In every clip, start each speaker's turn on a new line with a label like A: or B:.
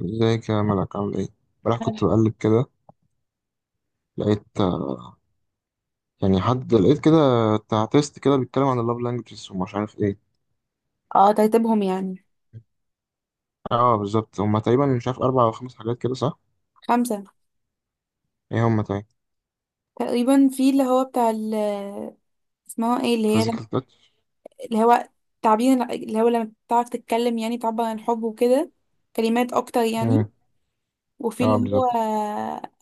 A: ازيك يا ملك، عامل ايه؟ امبارح كنت بقلب كده، لقيت يعني حد لقيت كده، بتاع تيست كده بيتكلم عن اللاف لانجوجز ومش عارف ايه.
B: اه، ترتيبهم يعني.
A: اه بالظبط، هما تقريبا مش عارف اربع او خمس حاجات كده، صح؟
B: خمسة.
A: ايه هما تاني؟
B: تقريبا في اللي هو بتاع ال، اسمها ايه اللي هي لم...
A: فيزيكال تاتش.
B: اللي هو تعبير، اللي هو لما بتعرف تتكلم يعني تعبر عن الحب وكده، كلمات اكتر يعني. وفي
A: اه
B: اللي هو
A: بالظبط.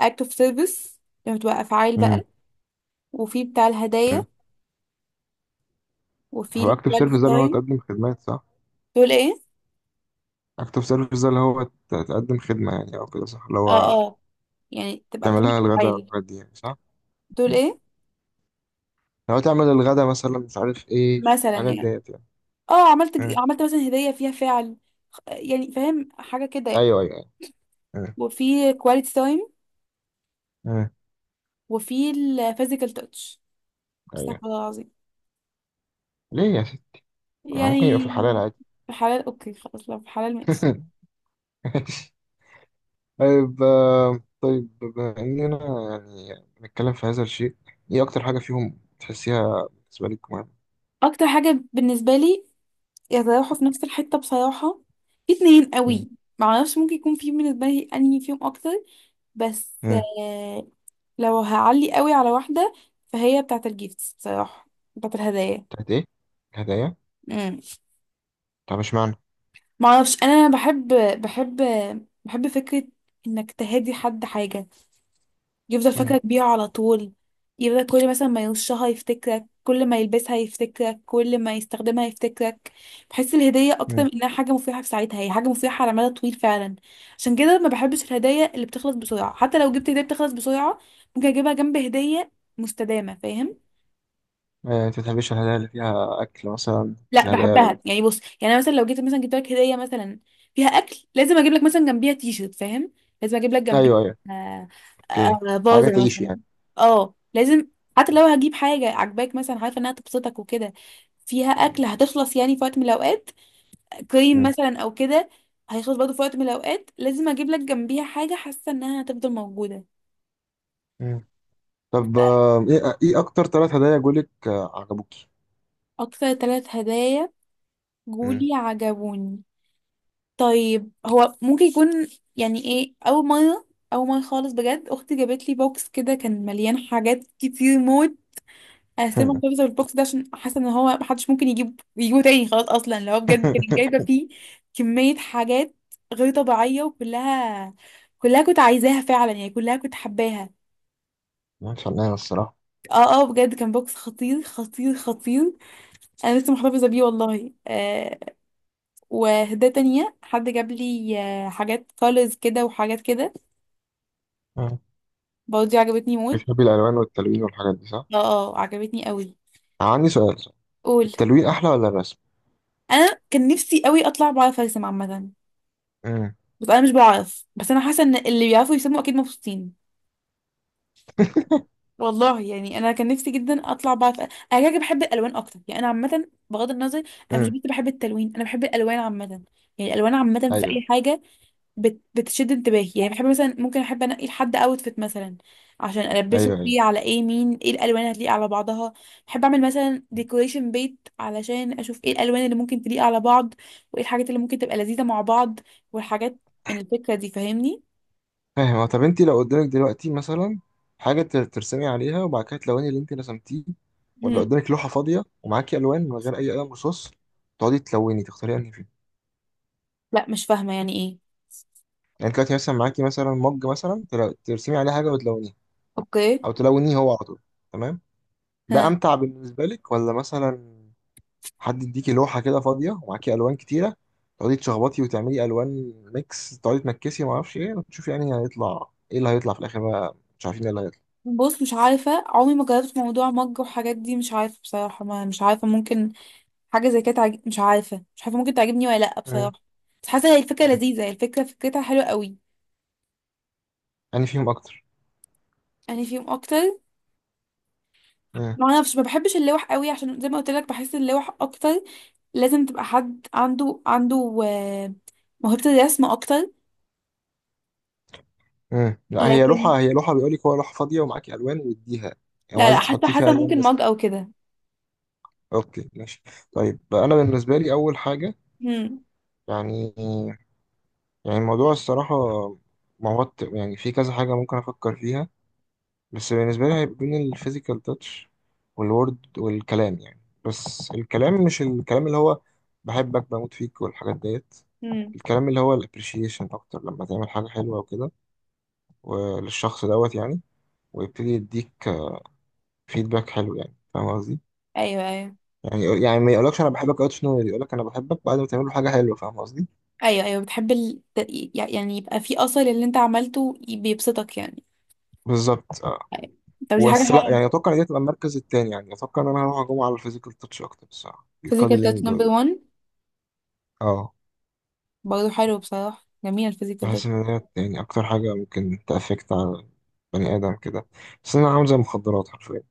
B: act of service لما تبقى افعال بقى.
A: مم.
B: وفي بتاع الهدايا.
A: مم.
B: وفي
A: هو
B: ال
A: اكتف
B: quality
A: سيرفيس ده اللي هو
B: time.
A: تقدم خدمات، صح؟
B: دول ايه.
A: اكتف سيرفيس ده اللي هو تقدم خدمة يعني او كده، صح؟ اللي
B: اه،
A: هو
B: اه، يعني تبقى بتعمل
A: تعملها الغدا
B: افعال.
A: والحاجات دي يعني، صح؟
B: دول
A: مم.
B: ايه.
A: لو تعمل الغدا مثلا، مش عارف ايه
B: مثلا
A: الحاجات
B: يعني.
A: ديت يعني.
B: اه، عملت
A: مم.
B: عملت مثلا هدية فيها فعل، يعني فاهم حاجة كده يعني.
A: ايوه ايوه ايوه. مم.
B: وفي quality time.
A: مم.
B: وفي الفيزيكال تاتش.
A: ايوه.
B: استغفر الله العظيم.
A: ليه يا؟ ممكن يبقى في
B: يعني.
A: الحلال عادي.
B: حلال اوكي خلاص، لو في حلال ماشي.
A: ماشي. طيب بما إننا يعني بنتكلم في هذا الشيء، إيه أكتر حاجة فيهم تحسيها بالنسبة لك مهمة؟
B: اكتر حاجه بالنسبه لي يتراوحوا في نفس الحته بصراحه. في اتنين
A: مم.
B: قوي. معرفش ممكن يكون في بالنسبه لي انهي فيهم اكتر، بس
A: مم.
B: لو هعلي قوي على واحده، فهي بتاعه الجيفتس بصراحه، بتاعه الهدايا.
A: بتاعت إيه؟ الهدايا؟
B: امم
A: طب اشمعنى؟
B: معرفش، انا بحب بحب فكره انك تهدي حد حاجه يفضل
A: مم.
B: فاكرك بيها على طول. يفضل كل مثلا ما يرشها يفتكرك، كل ما يلبسها يفتكرك، كل ما يستخدمها يفتكرك. بحس الهدية أكتر
A: مم.
B: من إنها حاجة مفيدة في ساعتها، هي حاجة مفيدة على مدى طويل فعلا. عشان كده ما بحبش الهدايا اللي بتخلص بسرعة. حتى لو جبت هدية بتخلص بسرعة، ممكن أجيبها جنب هدية مستدامة، فاهم.
A: أنت بتحبش الهدايا اللي فيها أكل مثلا؟ مش
B: لا
A: الهدايا اللي...
B: بحبها. يعني بص، يعني انا مثلا لو جيت مثلا جبت لك هديه مثلا فيها اكل، لازم اجيب لك مثلا جنبيها تي شيرت، فاهم؟ لازم اجيب لك جنبيها،
A: أيوه أيوه.
B: آه،
A: أوكي. حاجة
B: فازه
A: تعيش
B: مثلا.
A: يعني.
B: اه لازم. حتى لو هجيب حاجه عجباك مثلا عارفه انها تبسطك وكده، فيها
A: مم.
B: اكل هتخلص يعني في وقت من الاوقات. كريم
A: مم.
B: مثلا او كده هيخلص برضه في وقت من الاوقات. لازم اجيب لك جنبيها حاجه حاسه انها هتفضل موجوده.
A: مم. طب إيه أكتر 3 هدايا جولك عجبوكي؟
B: اكتر ثلاث هدايا
A: مم.
B: جولي عجبوني. طيب، هو ممكن يكون يعني ايه، اول مره، اول مره خالص بجد اختي جابت لي بوكس كده كان مليان حاجات كتير موت. انا ستيل محتفظه بالبوكس ده عشان حاسه ان هو محدش ممكن يجيبه تاني خلاص، اصلا اللي هو بجد كانت جايبه فيه كميه حاجات غير طبيعيه. وكلها كنت عايزاها فعلا، يعني كلها كنت حباها.
A: مش علينا الصراحة.
B: اه، اه بجد كان بوكس خطير خطير خطير. انا لسه محتفظه بيه والله. وهدايا تانية حد جاب لي، حاجات كولرز كده وحاجات كده، برضه دي عجبتني موت.
A: بتحبي الالوان والتلوين والحاجات دي، صح؟
B: اه، اه عجبتني قوي.
A: عندي سؤال، صح؟
B: قول.
A: التلوين احلى ولا الرسم؟
B: انا كان نفسي قوي اطلع بعرف ارسم عامه،
A: امم.
B: بس انا مش بعرف. بس انا حاسه ان اللي بيعرفوا يرسموا اكيد مبسوطين. والله يعني انا كان نفسي جدا اطلع بعرف انا. كده كده بحب الالوان اكتر، يعني انا عامه بغض النظر. انا مش
A: امم.
B: بس بحب التلوين، انا بحب الالوان عامه. يعني الالوان عامه في
A: ايوه
B: اي حاجه بتشد انتباهي. يعني بحب مثلا، ممكن احب انقي لحد اوتفيت مثلا عشان البسه،
A: ايوه
B: فيه
A: ايوه.
B: على ايه، مين ايه الالوان اللي هتليق على بعضها. بحب اعمل مثلا ديكوريشن بيت علشان اشوف ايه الالوان اللي ممكن تليق على بعض، وايه الحاجات اللي ممكن تبقى لذيذة مع بعض، والحاجات، من الفكرة دي، فاهمني.
A: فاهم. هو طب انت لو قدامك دلوقتي مثلا حاجه، ترسمي عليها وبعد كده تلوني اللي انت رسمتيه، ولا
B: هم.
A: قدامك لوحه فاضيه ومعاكي الوان من غير اي قلم رصاص، تقعدي تلوني، تختاري انهي فيهم؟
B: لا مش فاهمة يعني ايه.
A: يعني انت دلوقتي مثلا معاكي مثلا مج مثلا ترسمي عليه حاجه وتلونيه،
B: اوكي.
A: او تلونيه هو على طول. تمام. ده
B: ها.
A: امتع بالنسبه لك ولا مثلا حد يديكي لوحه كده فاضيه ومعاكي الوان كتيره، تقعدي تشخبطي وتعملي الوان ميكس، تقعدي تنكسي وما اعرفش ايه، وتشوفي يعني هيطلع ايه اللي هيطلع في الاخر، بقى مش عارفين ايه اللي هيطلع؟
B: بص، مش عارفة، عمري ما جربت موضوع مج وحاجات دي، مش عارفة بصراحة. ما مش عارفة، ممكن حاجه زي كده مش عارفه، مش عارفه، ممكن تعجبني ولا لا
A: مم.
B: بصراحه. بس حاسه هي الفكره لذيذه، هي الفكره فكرتها حلوه قوي.
A: انا فيهم اكتر؟
B: يعني فيهم اكتر.
A: مم.
B: ما اعرفش، ما بحبش اللوح قوي عشان زي ما قلت لك بحس اللوح اكتر لازم تبقى حد عنده موهبه الرسم اكتر.
A: مم. لا، هي
B: لكن،
A: لوحه هي لوحه بيقول لك هو، لوحه فاضيه ومعاكي الوان واديها. يعني هو
B: لا لا،
A: عايزك
B: حتى
A: تحطي فيها الوان
B: ممكن
A: بس.
B: مج او كده.
A: اوكي ماشي. طيب انا بالنسبه لي اول حاجه،
B: هم،
A: يعني، يعني الموضوع الصراحه موت، يعني في كذا حاجه ممكن افكر فيها. بس بالنسبة لي هيبقى بين الفيزيكال تاتش والورد والكلام يعني. بس الكلام، مش الكلام اللي هو بحبك بموت فيك والحاجات ديت،
B: هم.
A: الكلام اللي هو الابريشيشن اكتر، لما تعمل حاجة حلوة وكده وللشخص دوت يعني، ويبتدي يديك فيدباك حلو يعني، فاهم قصدي؟
B: ايوه ايوه
A: يعني ما يقولكش انا بحبك اوت نو، يقولك انا بحبك بعد ما تعمل له حاجة حلوة، فاهم قصدي؟
B: ايوه ايوه. بتحب يعني يبقى في اثر اللي انت عملته بيبسطك يعني.
A: بالظبط اه.
B: طب دي حاجه
A: بس لا
B: حلوه.
A: يعني، اتوقع ان دي تبقى المركز التاني. يعني اتوقع ان انا هروح اجوم على الفيزيكال تاتش اكتر بصراحة،
B: فيزيكال تاتش
A: الكادلينج
B: نمبر
A: وال...
B: 1.
A: اه
B: برضه حلو بصراحه، جميل الفيزيكال.
A: بحس إن هي يعني أكتر حاجة ممكن تأفكت على بني آدم كده. بس أنا عامل زي المخدرات حرفيا،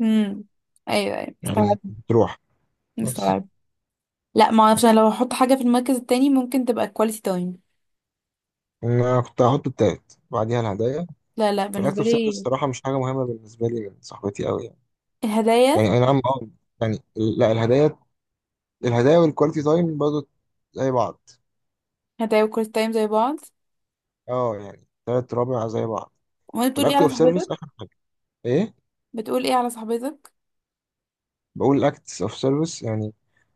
B: امم ايوه ايوه مستوعب.
A: يعني تروح. بس
B: مستوعب. لا، ما اعرفش، انا لو هحط حاجه في المركز التاني ممكن تبقى كواليتي تايم.
A: أنا كنت هحط التالت بعديها الهدايا،
B: لا لا، بالنسبه
A: والأكل في سنة
B: لي
A: الصراحة مش حاجة مهمة بالنسبة لي من صاحبتي أوي يعني.
B: الهدايا.
A: يعني أي نعم أه، يعني لا، الهدايا، الهدايا والكواليتي تايم برضه زي بعض.
B: هدايا وكواليتي تايم زي بعض.
A: أه يعني تلات رابع زي بعض.
B: وانت بتقول ايه
A: والأكل
B: على
A: أوف سيرفيس
B: صاحبتك؟
A: آخر حاجة. إيه؟
B: بتقول ايه على صاحبتك؟
A: بقول acts of service يعني.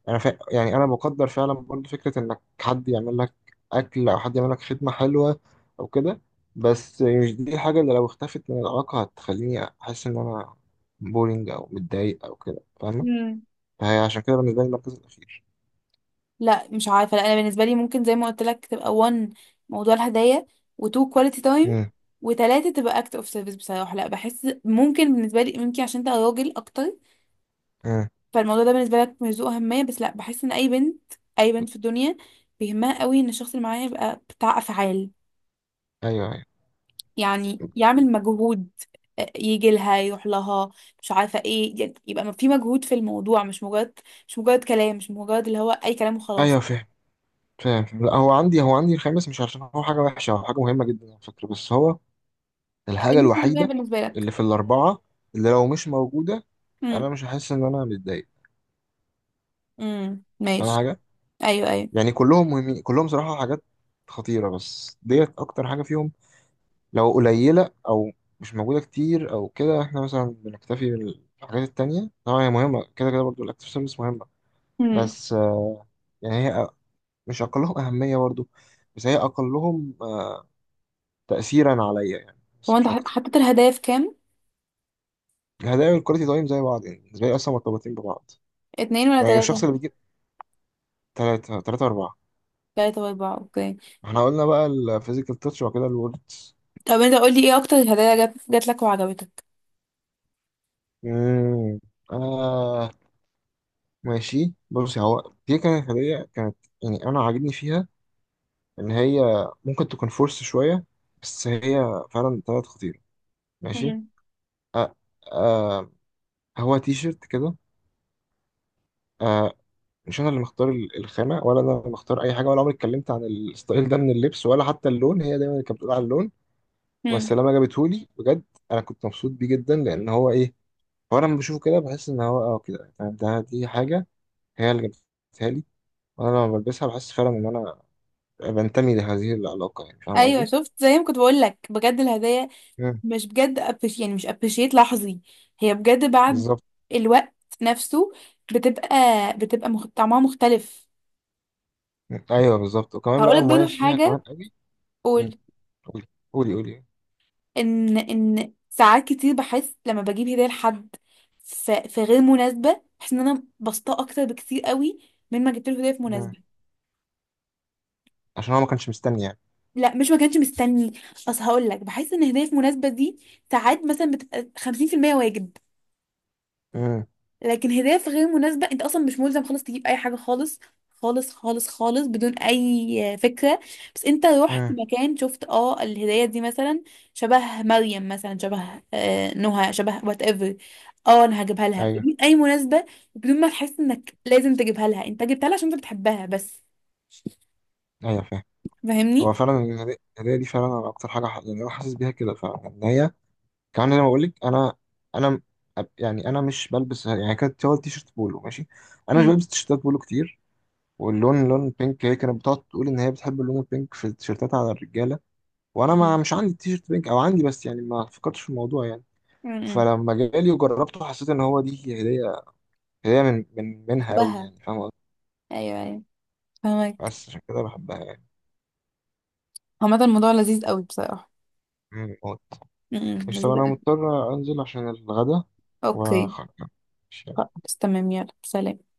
A: انا يعني انا بقدر فعلا برضو فكره انك حد يعمل لك اكل، او حد يعمل لك خدمه حلوه او كده، بس مش دي الحاجه اللي لو اختفت من العلاقه هتخليني احس ان انا بورينج او متضايق او كده، فاهمه؟
B: مم.
A: فهي عشان كده بالنسبه لي المركز الاخير.
B: لا مش عارفه، لا انا بالنسبه لي ممكن زي ما قلت لك تبقى 1 موضوع الهدايا، و2 كواليتي تايم،
A: امم.
B: وتلاتة تبقى اكت اوف سيرفيس بصراحه. لا بحس ممكن بالنسبه لي، ممكن عشان انت راجل اكتر
A: امم.
B: فالموضوع ده بالنسبه لك مش ذو اهميه، بس لا بحس ان اي بنت، اي بنت في الدنيا بيهمها قوي ان الشخص اللي معاها يبقى بتاع افعال،
A: ايوه ايوه
B: يعني يعمل مجهود، يجي لها، يروح لها، مش عارفه ايه، يعني يبقى في مجهود في الموضوع. مش مجرد، مش مجرد كلام، مش مجرد اللي هو اي كلام وخلاص.
A: ايوه. فاهم. فاهم. لا، هو عندي الخامس مش عشان هو حاجه وحشه، هو حاجه مهمه جدا على فكره، بس هو الحاجة
B: قليل اهميه
A: الوحيدة
B: بالنسبه لك.
A: اللي في الأربعة، اللي لو مش موجودة أنا
B: امم
A: مش هحس إن أنا متضايق، فاهم
B: ماشي.
A: حاجة؟
B: ايوه ايوه.
A: يعني كلهم مهمين، كلهم صراحة حاجات خطيرة، بس ديت أكتر حاجة فيهم لو قليلة أو مش موجودة كتير أو كده، إحنا مثلا بنكتفي بالحاجات التانية. طبعا هي مهمة كده كده، برضه الأكتيف سيرفيس مهمة،
B: امم
A: بس يعني هي مش أقلهم أهمية برضه، بس هي أقلهم تأثيرا عليا يعني،
B: هو
A: بس
B: انت
A: مش أكتر.
B: حطيت الهدايا في كام،
A: الهدايا والكواليتي تايم زي بعض، يعني بالنسبة لي أصلا مرتبطين ببعض،
B: اتنين ولا
A: يعني الشخص
B: تلاته؟
A: اللي بيجيب. تلاتة، تلاتة أربعة.
B: تلاته واربعه، اوكي.
A: احنا قلنا بقى الفيزيكال تاتش وبعد كده الوردز.
B: طب انت قولي ايه اكتر هدايا جات لك وعجبتك.
A: مم. آه ماشي، بصي، هو دي كانت هدية كانت، يعني أنا عاجبني فيها إن هي ممكن تكون فورس شوية، بس هي فعلا طلعت خطيرة. ماشي. آه آه. هو تي شيرت كده، آه، مش أنا اللي مختار الخامة ولا أنا اللي مختار أي حاجة، ولا عمري اتكلمت عن الستايل ده من اللبس ولا حتى اللون، هي دايما اللي كانت بتقول على اللون،
B: امم
A: والسلامة جابتهولي بجد. أنا كنت مبسوط بيه جدا، لأن هو إيه، فانا لما بشوفه كده بحس ان هو كده يعني، ده دي حاجه هي اللي جابتها لي، وانا لما بلبسها بحس فعلا ان انا بنتمي لهذه العلاقه يعني، فاهم
B: ايوه
A: قصدي؟
B: شفت زي ما كنت بقول لك، بجد الهدايا
A: مم.
B: مش بجد أبش يعني، مش ابريشيت لحظي، هي بجد بعد
A: بالظبط.
B: الوقت نفسه بتبقى، طعمها مختلف.
A: مم. ايوه بالظبط، وكمان
B: هقول
A: بقى
B: لك برضه
A: المميز فيها كمان
B: حاجه.
A: قوي. مم.
B: قول.
A: قولي قولي قولي.
B: ان ساعات كتير بحس لما بجيب هديه لحد في غير مناسبه، بحس ان انا بسطاه اكتر بكتير قوي من ما جبت له هديه في
A: مم.
B: مناسبه.
A: عشان هو ما كانش مستني يعني.
B: لا مش ما كانش مستني، اصل هقول لك بحس ان هديه في مناسبه دي ساعات مثلا بتبقى 50% واجب،
A: مم.
B: لكن هدايا في غير مناسبة انت اصلا مش ملزم خالص تجيب اي حاجة خالص خالص خالص خالص بدون اي فكرة. بس انت رحت
A: مم.
B: مكان شفت اه الهدايا دي مثلا شبه مريم مثلا، شبه آه نهى، شبه وات ايفر، اه انا هجيبها لها
A: ايوه
B: بدون اي مناسبة وبدون ما تحس انك لازم تجيبها لها، انت جبتها لها عشان انت بتحبها بس.
A: ايوه فاهم.
B: فاهمني؟
A: هو فعلا الهدايا دي فعلا انا اكتر حاجه، يعني انا حاسس بيها كده فعلا ان هي، كمان زي ما بقول لك، انا انا م- يعني انا مش بلبس، يعني كانت هو التيشيرت بولو ماشي، انا مش
B: مم.
A: بلبس تيشيرتات بولو كتير، واللون لون بينك، هي كانت بتقعد تقول ان هي بتحب اللون البينك في التيشيرتات على الرجاله، وانا ما
B: مم.
A: مش عندي تيشيرت بينك، او عندي بس يعني ما فكرتش في الموضوع يعني،
B: امم
A: فلما جالي وجربته حسيت ان هو دي هي هديه، هديه من من منها قوي
B: شبهها.
A: يعني، فاهم قصدي؟
B: ايوه ايوه، فاهمك.
A: بس عشان كده بحبها يعني.
B: عامة الموضوع لذيذ قوي بصراحة.
A: مم، موت.
B: امم،
A: مش طب انا
B: لذيذة.
A: مضطر انزل عشان الغدا
B: اوكي.
A: وخلاص.
B: خلاص تمام، يلا سلام.